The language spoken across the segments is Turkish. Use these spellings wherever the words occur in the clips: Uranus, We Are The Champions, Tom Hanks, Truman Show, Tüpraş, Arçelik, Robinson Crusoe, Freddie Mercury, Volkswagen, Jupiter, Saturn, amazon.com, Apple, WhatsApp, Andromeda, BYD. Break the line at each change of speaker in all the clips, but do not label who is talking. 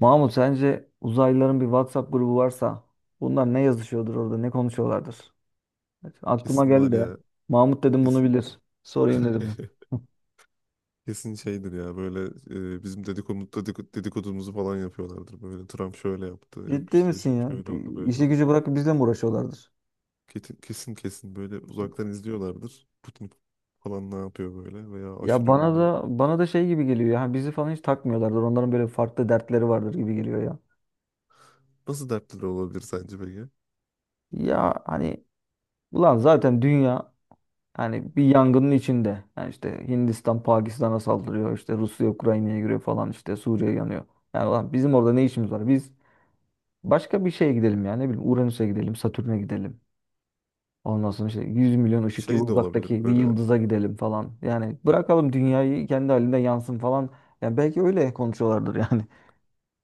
Mahmut, sence uzaylıların bir WhatsApp grubu varsa bunlar ne yazışıyordur orada, ne konuşuyorlardır? Evet, aklıma
Kesin var
geldi de
ya.
Mahmut dedim bunu
Kesin.
bilir, sorayım dedim.
Kesin şeydir ya böyle. Bizim dedikodumuzu falan yapıyorlardır. Böyle Trump şöyle yaptı. Yok
Ciddi
işte
misin ya?
şöyle oldu, böyle
İşi
oldu.
gücü bırakıp bizle mi uğraşıyorlardır?
Kesin, kesin, kesin böyle uzaktan izliyorlardır. Putin falan ne yapıyor böyle, veya
Ya
aşırı
bana
ünlü.
da bana da şey gibi geliyor ya, hani bizi falan hiç takmıyorlardır. Onların böyle farklı dertleri vardır gibi geliyor ya.
Nasıl dertleri olabilir sence peki?
Ya hani ulan zaten dünya hani bir yangının içinde. Yani işte Hindistan Pakistan'a saldırıyor. İşte Rusya Ukrayna'ya giriyor falan, işte Suriye yanıyor. Yani ulan bizim orada ne işimiz var? Biz başka bir şeye gidelim yani. Ne bileyim Uranüs'e gidelim, Satürn'e gidelim. Ondan sonra işte 100 milyon ışık yılı
Şey de olabilir
uzaktaki bir
böyle,
yıldıza gidelim falan. Yani bırakalım dünyayı kendi halinde yansın falan. Yani belki öyle konuşuyorlardır yani.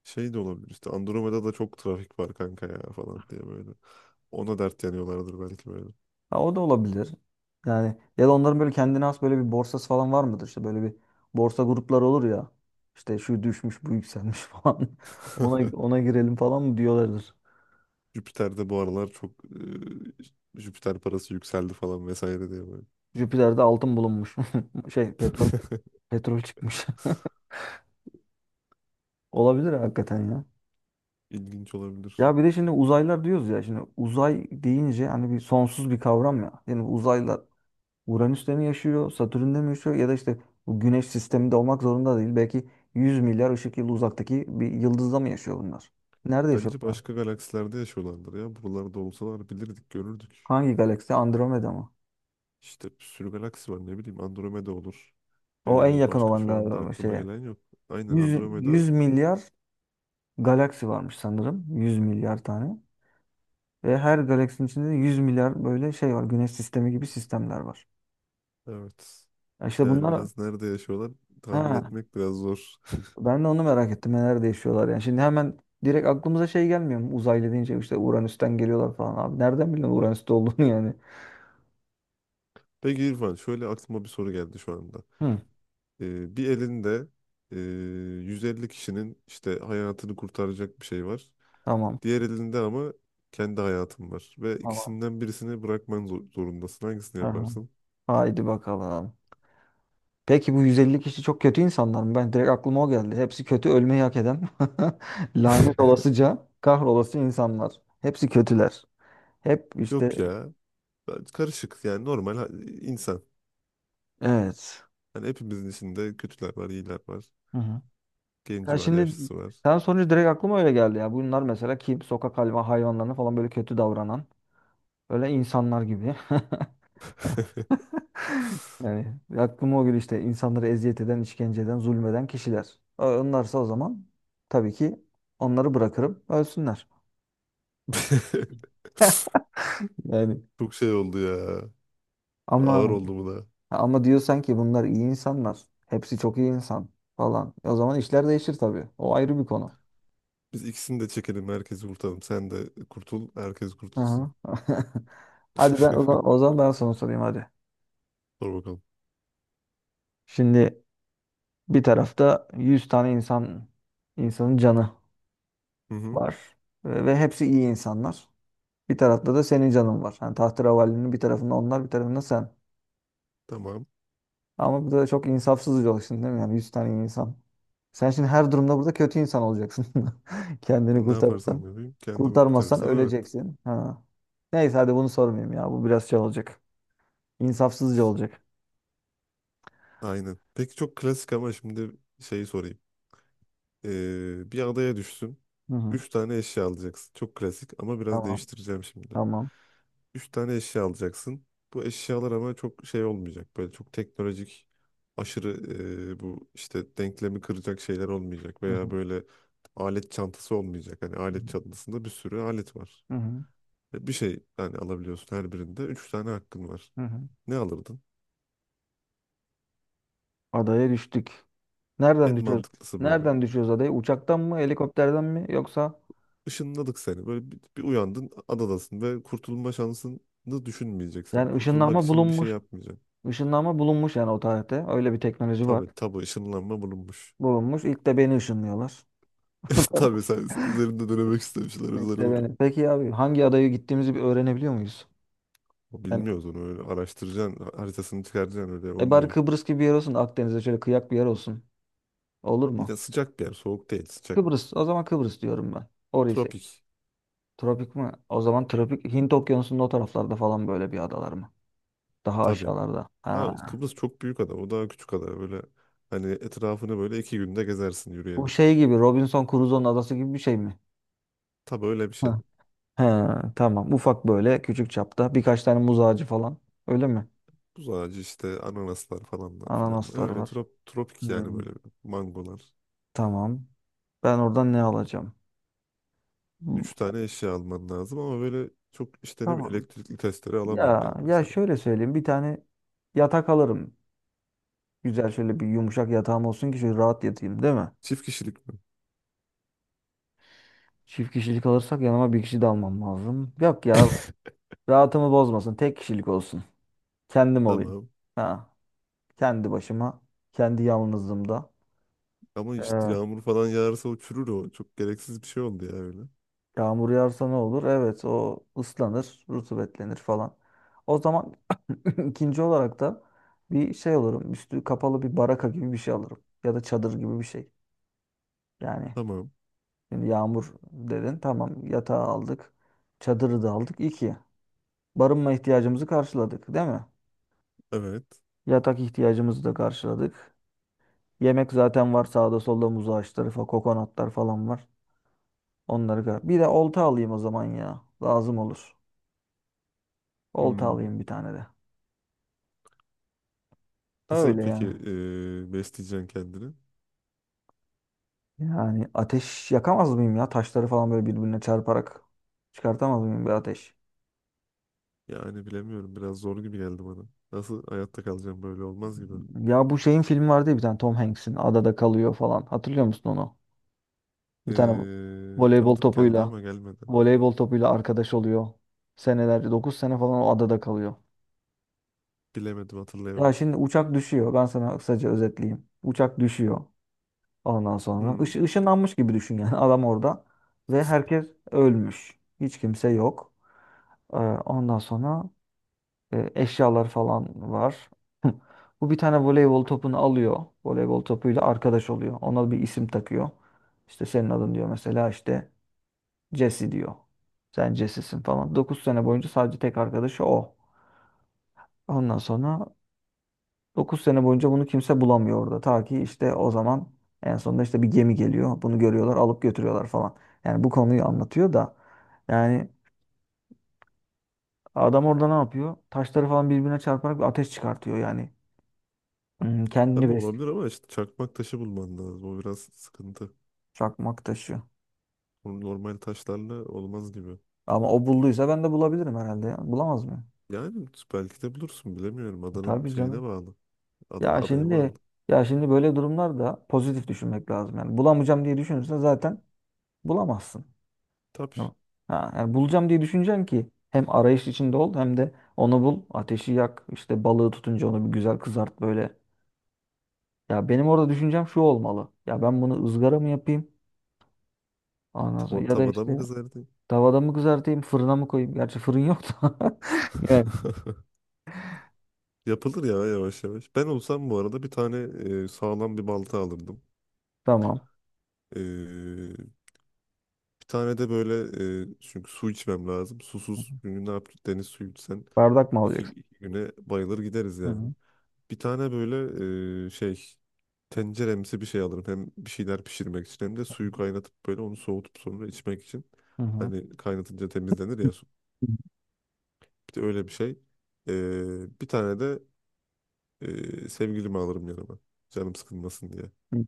şey de olabilir işte, Andromeda'da çok trafik var kanka ya falan diye böyle. Ona dert yanıyorlardır belki böyle.
Ha, o da olabilir. Yani ya da onların böyle kendine has böyle bir borsası falan var mıdır? İşte böyle bir borsa grupları olur ya. İşte şu düşmüş, bu yükselmiş falan. Ona ona girelim falan mı diyorlardır.
Jüpiter'de bu aralar çok, Jüpiter parası yükseldi falan vesaire diye böyle.
Jüpiter'de altın bulunmuş. Şey petrol petrol çıkmış. Olabilir hakikaten ya.
İlginç olabilir.
Ya bir de şimdi uzaylar diyoruz ya, şimdi uzay deyince hani bir sonsuz bir kavram ya. Yani uzaylar Uranüs'te mi yaşıyor, Satürn'de mi yaşıyor, ya da işte bu Güneş sisteminde olmak zorunda değil. Belki 100 milyar ışık yılı uzaktaki bir yıldızda mı yaşıyor bunlar? Nerede
Bence
yaşıyorlar?
başka galaksilerde yaşıyorlardır ya. Buralarda olsalar bilirdik, görürdük.
Hangi galaksi? Andromeda mı?
İşte bir sürü galaksi var, ne bileyim Andromeda olur.
O en yakın
Başka
olan
şu anda
galiba
aklıma
şeye.
gelen yok. Aynen,
100,
Andromeda,
100 milyar galaksi varmış sanırım. 100 milyar tane. Ve her galaksinin içinde de 100 milyar böyle şey var. Güneş sistemi gibi sistemler var.
evet.
Ya İşte
Yani
bunlar.
biraz nerede yaşıyorlar,
He,
tahmin etmek biraz zor.
ben de onu merak ettim. Neler değişiyorlar yani. Şimdi hemen direkt aklımıza şey gelmiyor mu? Uzaylı deyince işte Uranüs'ten geliyorlar falan. Abi nereden biliyorsun Uranüs'te olduğunu yani?
Peki İrfan, şöyle aklıma bir soru geldi şu anda.
Hı,
Bir elinde e, 150 kişinin işte hayatını kurtaracak bir şey var.
tamam.
Diğer elinde ama kendi hayatın var. Ve
Tamam.
ikisinden birisini bırakman zorundasın. Hangisini
Aha.
yaparsın?
Haydi bakalım. Peki bu 150 kişi çok kötü insanlar mı? Ben direkt aklıma o geldi. Hepsi kötü, ölmeyi hak eden. Lanet olasıca kahrolası insanlar. Hepsi kötüler. Hep
Yok
işte
ya. Karışık, yani normal insan.
evet.
Hani hepimizin içinde kötüler var, iyiler var.
Hı hı. Ya
Genci var,
şimdi
yaşlısı var.
sen sonucu direkt aklıma öyle geldi ya. Bunlar mesela kim? Sokak hayvanlarına falan böyle kötü davranan. Böyle insanlar gibi. Yani aklıma o gün işte insanları eziyet eden, işkence eden, zulmeden kişiler. Onlarsa o zaman tabii ki onları bırakırım, ölsünler. Yani
Çok şey oldu ya. Ağır
ama
oldu bu da.
diyorsan ki bunlar iyi insanlar. Hepsi çok iyi insan falan. E, o zaman işler değişir tabii. O ayrı bir konu.
Biz ikisini de çekelim, herkesi kurtaralım. Sen de kurtul, herkes
Hı
kurtulsun.
hı. Hadi ben o zaman, o zaman ben sana sorayım hadi.
Sor bakalım.
Şimdi bir tarafta 100 tane insan, insanın canı
Hı hı,
var ve hepsi iyi insanlar. Bir tarafta da senin canın var. Yani tahterevalinin bir tarafında onlar, bir tarafında sen.
tamam.
Ama bu da çok insafsızca bir şimdi, değil mi? Yani 100 tane insan. Sen şimdi her durumda burada kötü insan olacaksın. Kendini
Ben ne
kurtarırsan.
yaparsam yapayım, kendimi
Kurtarmazsan
kurtarırsam evet.
öleceksin. Ha. Neyse hadi bunu sormayayım ya. Bu biraz şey olacak. İnsafsızca olacak.
Aynen. Peki, çok klasik ama şimdi şeyi sorayım. Bir adaya düşsün.
Hı hı.
Üç tane eşya alacaksın. Çok klasik ama biraz
Tamam.
değiştireceğim şimdi.
Tamam.
Üç tane eşya alacaksın. Bu eşyalar ama çok şey olmayacak. Böyle çok teknolojik, aşırı, bu işte denklemi kıracak şeyler olmayacak.
Hı hı.
Veya böyle alet çantası olmayacak. Hani alet çantasında bir sürü alet var.
Hı hı.
Ve bir şey yani alabiliyorsun her birinde. Üç tane hakkın var.
Hı hı.
Ne alırdın?
Adaya düştük.
En
Nereden düşüyoruz?
mantıklısı böyle.
Nereden düşüyoruz adaya? Uçaktan mı? Helikopterden mi? Yoksa
Işınladık seni. Böyle bir uyandın, adadasın ve kurtulma şansını düşünmeyeceksin. Yani
yani
kurtulmak
ışınlanma
için bir şey
bulunmuş.
yapmayacaksın.
Işınlanma bulunmuş yani o tarihte. Öyle bir teknoloji var.
Tabii tabii, ışınlanma bulunmuş.
Bulunmuş. İlk de beni ışınlıyorlar. Tamam.
Tabii, sen üzerinde dönemek istemişler
İlk
özel
de
olarak.
beni. Peki abi hangi adaya gittiğimizi bir öğrenebiliyor muyuz?
O,
Yani
bilmiyoruz onu, öyle araştıracaksın, haritasını çıkaracaksın, öyle
e bari
olmuyor.
Kıbrıs gibi bir yer olsun da Akdeniz'de şöyle kıyak bir yer olsun. Olur
Bir
mu?
de sıcak bir yer, soğuk değil, sıcak.
Kıbrıs. O zaman Kıbrıs diyorum ben. Orayı seç.
Tropik,
Tropik mi? O zaman tropik Hint Okyanusu'nun o taraflarda falan böyle bir adalar mı? Daha
tabii.
aşağılarda.
Ha,
Ha.
Kıbrıs çok büyük ada, o daha küçük ada, böyle hani etrafını böyle 2 günde gezersin
Bu
yürüyerek.
şey gibi Robinson Crusoe'nun adası gibi bir şey mi?
Tabii, öyle bir şey.
Ha. Ha, tamam. Ufak böyle küçük çapta birkaç tane muz ağacı falan. Öyle mi?
Tuz ağacı işte, ananaslar falanlar filan.
Ananasları
Öyle
var.
tropik yani,
Hmm,
böyle mangolar.
tamam. Ben oradan ne alacağım? Hmm,
Üç tane eşya alman lazım ama böyle çok işte ne bileyim
tamam.
elektrikli testere alamıyorum
Ya
yani
ya
mesela.
şöyle söyleyeyim. Bir tane yatak alırım. Güzel şöyle bir yumuşak yatağım olsun ki şöyle rahat yatayım, değil mi?
Çift kişilik mi?
Çift kişilik alırsak yanıma bir kişi de almam lazım. Yok ya. Rahatımı bozmasın. Tek kişilik olsun. Kendim olayım.
Tamam.
Ha, kendi başıma, kendi yalnızlığımda.
Ama işte
Ee,
yağmur falan yağarsa o çürür o. Çok gereksiz bir şey oldu ya öyle.
yağmur yağarsa ne olur? Evet, o ıslanır, rutubetlenir falan. O zaman İkinci olarak da bir şey alırım. Üstü kapalı bir baraka gibi bir şey alırım. Ya da çadır gibi bir şey. Yani
Tamam.
şimdi yağmur dedin. Tamam, yatağı aldık. Çadırı da aldık. İki. Barınma ihtiyacımızı karşıladık, değil mi?
Evet.
Yatak ihtiyacımızı da karşıladık. Yemek zaten var, sağda solda muz ağaçları falan, kokonatlar falan var. Bir de olta alayım o zaman ya. Lazım olur. Olta
Hmm.
alayım bir tane de.
Nasıl
Öyle
peki
yani.
besleyeceksin kendini?
Yani ateş yakamaz mıyım ya? Taşları falan böyle birbirine çarparak çıkartamaz mıyım bir ateş?
Yani bilemiyorum. Biraz zor gibi geldi bana. Nasıl hayatta kalacağım, böyle olmaz gibi.
Ya bu şeyin filmi vardı ya, bir tane Tom Hanks'in, adada kalıyor falan. Hatırlıyor musun onu? Bir tane voleybol
Tanıdık geldi
topuyla
ama gelmedi.
voleybol topuyla arkadaş oluyor. Senelerce 9 sene falan o adada kalıyor.
Bilemedim,
Ya
hatırlayamadım.
şimdi uçak düşüyor. Ben sana kısaca özetleyeyim. Uçak düşüyor ondan sonra.
Hmm.
Işınlanmış gibi düşün yani adam orada. Ve herkes ölmüş. Hiç kimse yok. Ee, ondan sonra e, eşyalar falan var. Bu bir tane voleybol topunu alıyor. Voleybol topuyla arkadaş oluyor. Ona bir isim takıyor. İşte senin adın diyor, mesela işte Jesse diyor. Sen Jesse'sin falan. 9 sene boyunca sadece tek arkadaşı o. Ondan sonra 9 sene boyunca bunu kimse bulamıyor orada. Ta ki işte o zaman en sonunda işte bir gemi geliyor. Bunu görüyorlar, alıp götürüyorlar falan. Yani bu konuyu anlatıyor da yani adam orada ne yapıyor? Taşları falan birbirine çarparak bir ateş çıkartıyor yani. Hmm, kendini
Tabii
besliyor.
olabilir ama işte çakmak taşı bulman lazım. O biraz sıkıntı.
Çakmak taşı.
Onun normal taşlarla olmaz gibi.
Ama o bulduysa ben de bulabilirim herhalde ya. Bulamaz mı?
Yani belki de bulursun, bilemiyorum. Adanın
Tabii
şeyine
canım.
bağlı.
Ya
Adaya
şimdi
bağlı.
ya şimdi böyle durumlarda pozitif düşünmek lazım. Yani bulamayacağım diye düşünürsen zaten bulamazsın.
Tabii.
Tamam. Ha, yani bulacağım diye düşüneceksin ki hem arayış içinde ol, hem de onu bul, ateşi yak, işte balığı tutunca onu bir güzel kızart böyle. Ya benim orada düşüncem şu olmalı. Ya ben bunu ızgara mı yapayım? Ondan sonra ya da
Tavada mı
işte
kızardın?
tavada mı kızartayım, fırına mı koyayım? Gerçi fırın yok da. Yani
Yapılır ya yavaş yavaş. Ben olsam bu arada bir tane sağlam bir balta alırdım.
tamam.
E, Bir tane de böyle, çünkü su içmem lazım. Susuz günü ne yap, deniz suyu içsen
Bardak mı alacaksın?
2 güne bayılır gideriz
Hı
yani.
hı.
Bir tane böyle şey, tenceremsi bir şey alırım. Hem bir şeyler pişirmek için hem de suyu kaynatıp böyle onu soğutup sonra içmek için.
Hı hı.
Hani kaynatınca temizlenir ya su.
Hı.
Bir de öyle bir şey. Bir tane de sevgilimi alırım yanıma. Canım sıkılmasın diye.
Hı.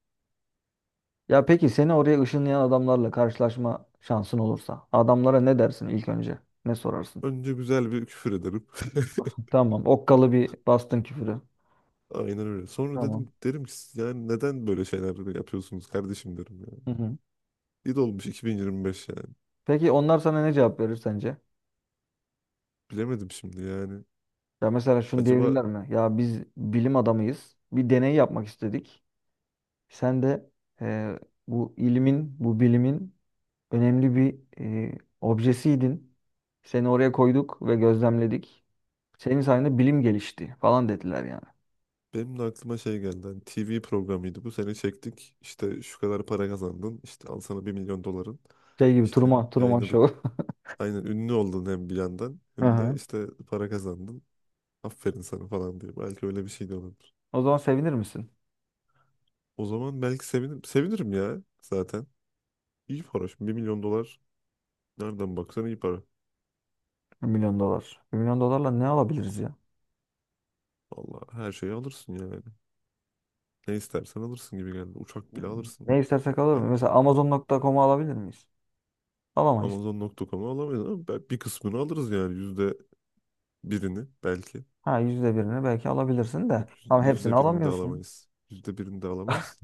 Ya peki seni oraya ışınlayan adamlarla karşılaşma şansın olursa, adamlara ne dersin ilk önce? Ne sorarsın?
Önce güzel bir küfür ederim.
Tamam. Okkalı bir bastın küfürü.
Aynen öyle. Sonra
Tamam.
derim ki, "Siz yani neden böyle şeyler yapıyorsunuz kardeşim," derim ya.
Hı hı.
İyi de olmuş 2025 yani.
Peki onlar sana ne cevap verir sence?
Bilemedim şimdi yani.
Ya mesela şunu
Acaba,
diyebilirler mi? Ya biz bilim adamıyız. Bir deney yapmak istedik. Sen de e, bu bilimin önemli bir e, objesiydin. Seni oraya koyduk ve gözlemledik. Senin sayende bilim gelişti falan dediler yani.
benim de aklıma şey geldi. Hani TV programıydı. Bu sene çektik. İşte şu kadar para kazandın. İşte al sana 1 milyon doların.
Şey gibi
İşte
Truman
yayınladık.
Show.
Aynen, ünlü oldun hem bir yandan
Hı
hem de
hı.
işte para kazandın. Aferin sana falan diye. Belki öyle bir şey de olabilir.
O zaman sevinir misin?
O zaman belki sevinirim. Sevinirim ya zaten. İyi para. Şimdi 1 milyon dolar nereden baksan iyi para.
1 milyon dolar. 1 milyon dolarla ne alabiliriz ya?
Valla her şeyi alırsın yani. Ne istersen alırsın gibi geldi. Uçak bile alırsın
Ne istersek alır mı?
bence.
Mesela amazon.com'u alabilir miyiz? Alamayız.
Amazon.com'u alamayız ama bir kısmını alırız yani. Yüzde birini belki.
Ha, yüzde birini belki alabilirsin de.
Yok
Ama hepsini
yüzde birini de
alamıyorsun.
alamayız. Yüzde birini de alamayız.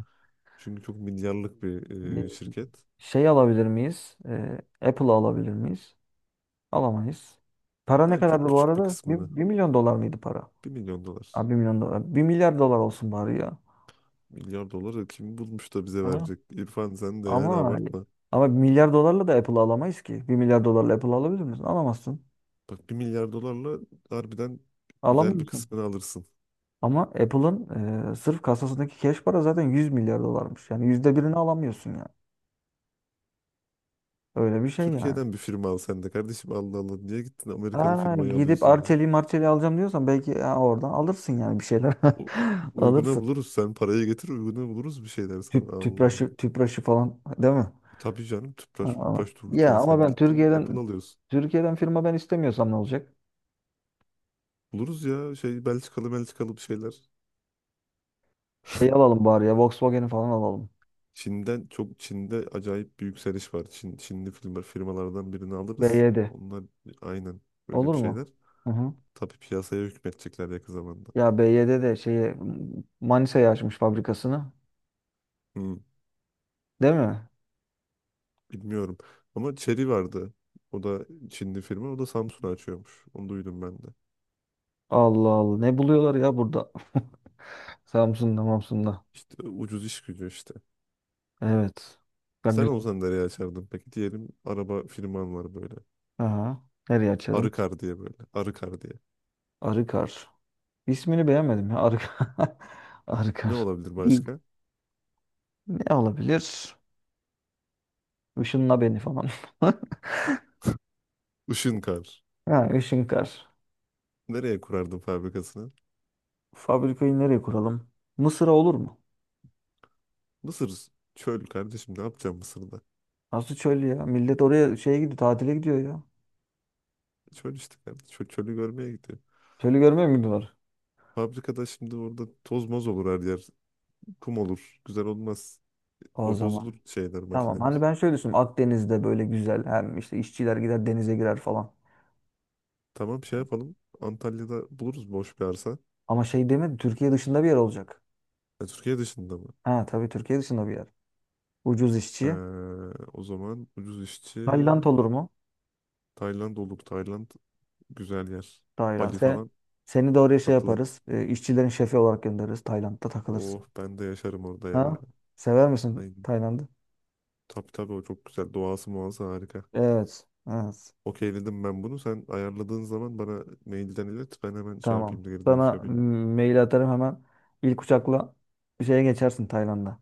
Çünkü çok milyarlık bir
E,
şirket.
şey alabilir miyiz? E, Apple'ı alabilir miyiz? Alamayız. Para ne
Yani çok
kadardı bu
küçük bir
arada?
kısmını.
1 milyon dolar mıydı para?
1 milyon dolar.
Abi 1 milyon dolar. 1 milyar dolar olsun bari ya.
Milyar doları kim bulmuş da bize
Ha?
verecek? İrfan, sen de yani
Ama
abartma.
ama 1 milyar dolarla da Apple'ı alamayız ki. 1 milyar dolarla Apple'ı alabilir misin? Alamazsın.
Bak, 1 milyar dolarla harbiden güzel bir
Alamıyorsun.
kısmını alırsın.
Ama Apple'ın e, sırf kasasındaki cash para zaten 100 milyar dolarmış. Yani yüzde birini alamıyorsun yani. Öyle bir şey yani.
Türkiye'den bir firma al sen de kardeşim, Allah Allah. Niye gittin Amerikalı
Ha,
firmayı
gidip
alıyorsun ya?
Arçelik'i Marçelik'i alacağım diyorsan belki ya, oradan alırsın yani bir şeyler.
U- Uyguna
Alırsın.
buluruz, sen parayı getir, uyguna buluruz bir şeyler, sen. Allah Allah.
Tüpraşı falan, değil mi?
Tabii canım,
Ha,
tüpraş
ama,
müpraş
ya
dururken
ama
sen
ben
gittin Apple alıyorsun.
Türkiye'den firma ben istemiyorsam ne olacak?
Buluruz ya şey, Belçikalı, Belçikalı bir şeyler.
Şey alalım bari ya, Volkswagen'i falan alalım.
Çin'den çok, Çin'de acayip bir yükseliş var. Çin, Çinli firmalardan birini alırız.
BYD.
Onlar aynen böyle
Olur
bir
mu?
şeyler.
Hı hı.
Tabii piyasaya hükmetecekler yakın zamanda.
Ya BYD de şeyi Manisa'ya açmış fabrikasını.
Hı.
Değil mi?
Bilmiyorum. Ama Chery vardı. O da Çinli firma. O da Samsun'a açıyormuş. Onu duydum ben de.
Allah Allah. Ne buluyorlar ya burada? Samsun'da, Mamsun'da.
İşte ucuz iş gücü işte.
Evet. Ya
Sen
güzel.
olsan nereye açardın peki? Diyelim araba firman var böyle.
Aha. Nereye açarım?
Arıkar diye böyle. Arıkar diye.
Arıkar. İsmini beğenmedim ya. Arıkar.
Ne
Arıkar.
olabilir
Bir
başka?
ne olabilir? Işınla beni falan.
Işınkar.
Ha, Işınkar.
Nereye kurardın fabrikasını?
Fabrikayı nereye kuralım? Mısır'a olur mu?
Mısır. Çöl kardeşim, ne yapacağım Mısır'da?
Nasıl çöl ya? Millet oraya şeye gidiyor, tatile gidiyor ya.
Çöl işte kardeşim. Çöl, çölü görmeye gidiyor.
Çölü görmüyor mu gidiyorlar?
Fabrikada şimdi orada toz moz olur her yer. Kum olur. Güzel olmaz.
O
O
zaman.
bozulur, şeyler,
Tamam.
makineler.
Hani ben şöyle düşündüm. Akdeniz'de böyle güzel. Hem işte işçiler gider denize girer falan.
Tamam, şey yapalım. Antalya'da buluruz boş bir arsa.
Ama şey demedi Türkiye dışında bir yer olacak.
E, Türkiye dışında mı?
Ha tabii, Türkiye dışında bir yer. Ucuz
Ee,
işçi.
o zaman ucuz işçi,
Tayland olur mu?
Tayland olur. Tayland güzel yer.
Tayland.
Bali
Seni,
falan
seni de oraya şey
tatlı.
yaparız. E, işçilerin şefi olarak göndeririz. Tayland'da takılırsın.
Oh, ben de yaşarım orada ya.
Ha? Sever misin
Aynen.
Tayland'ı?
Tabii tabii, o çok güzel. Doğası muazzam, harika.
Evet. Evet.
Okeyledim ben bunu. Sen ayarladığın zaman bana mailden ilet. Ben hemen şey
Tamam.
yapayım da geri dönüş
Sana
yapayım.
mail atarım hemen. İlk uçakla bir şeye geçersin Tayland'a.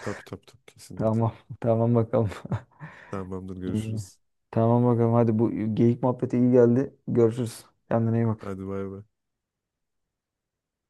Tabii tabii tabii, kesinlikle.
Tamam. Tamam bakalım.
Tamamdır,
İyi.
görüşürüz.
Tamam bakalım. Hadi bu geyik muhabbeti iyi geldi. Görüşürüz. Kendine iyi bak.
Hadi, bay bay.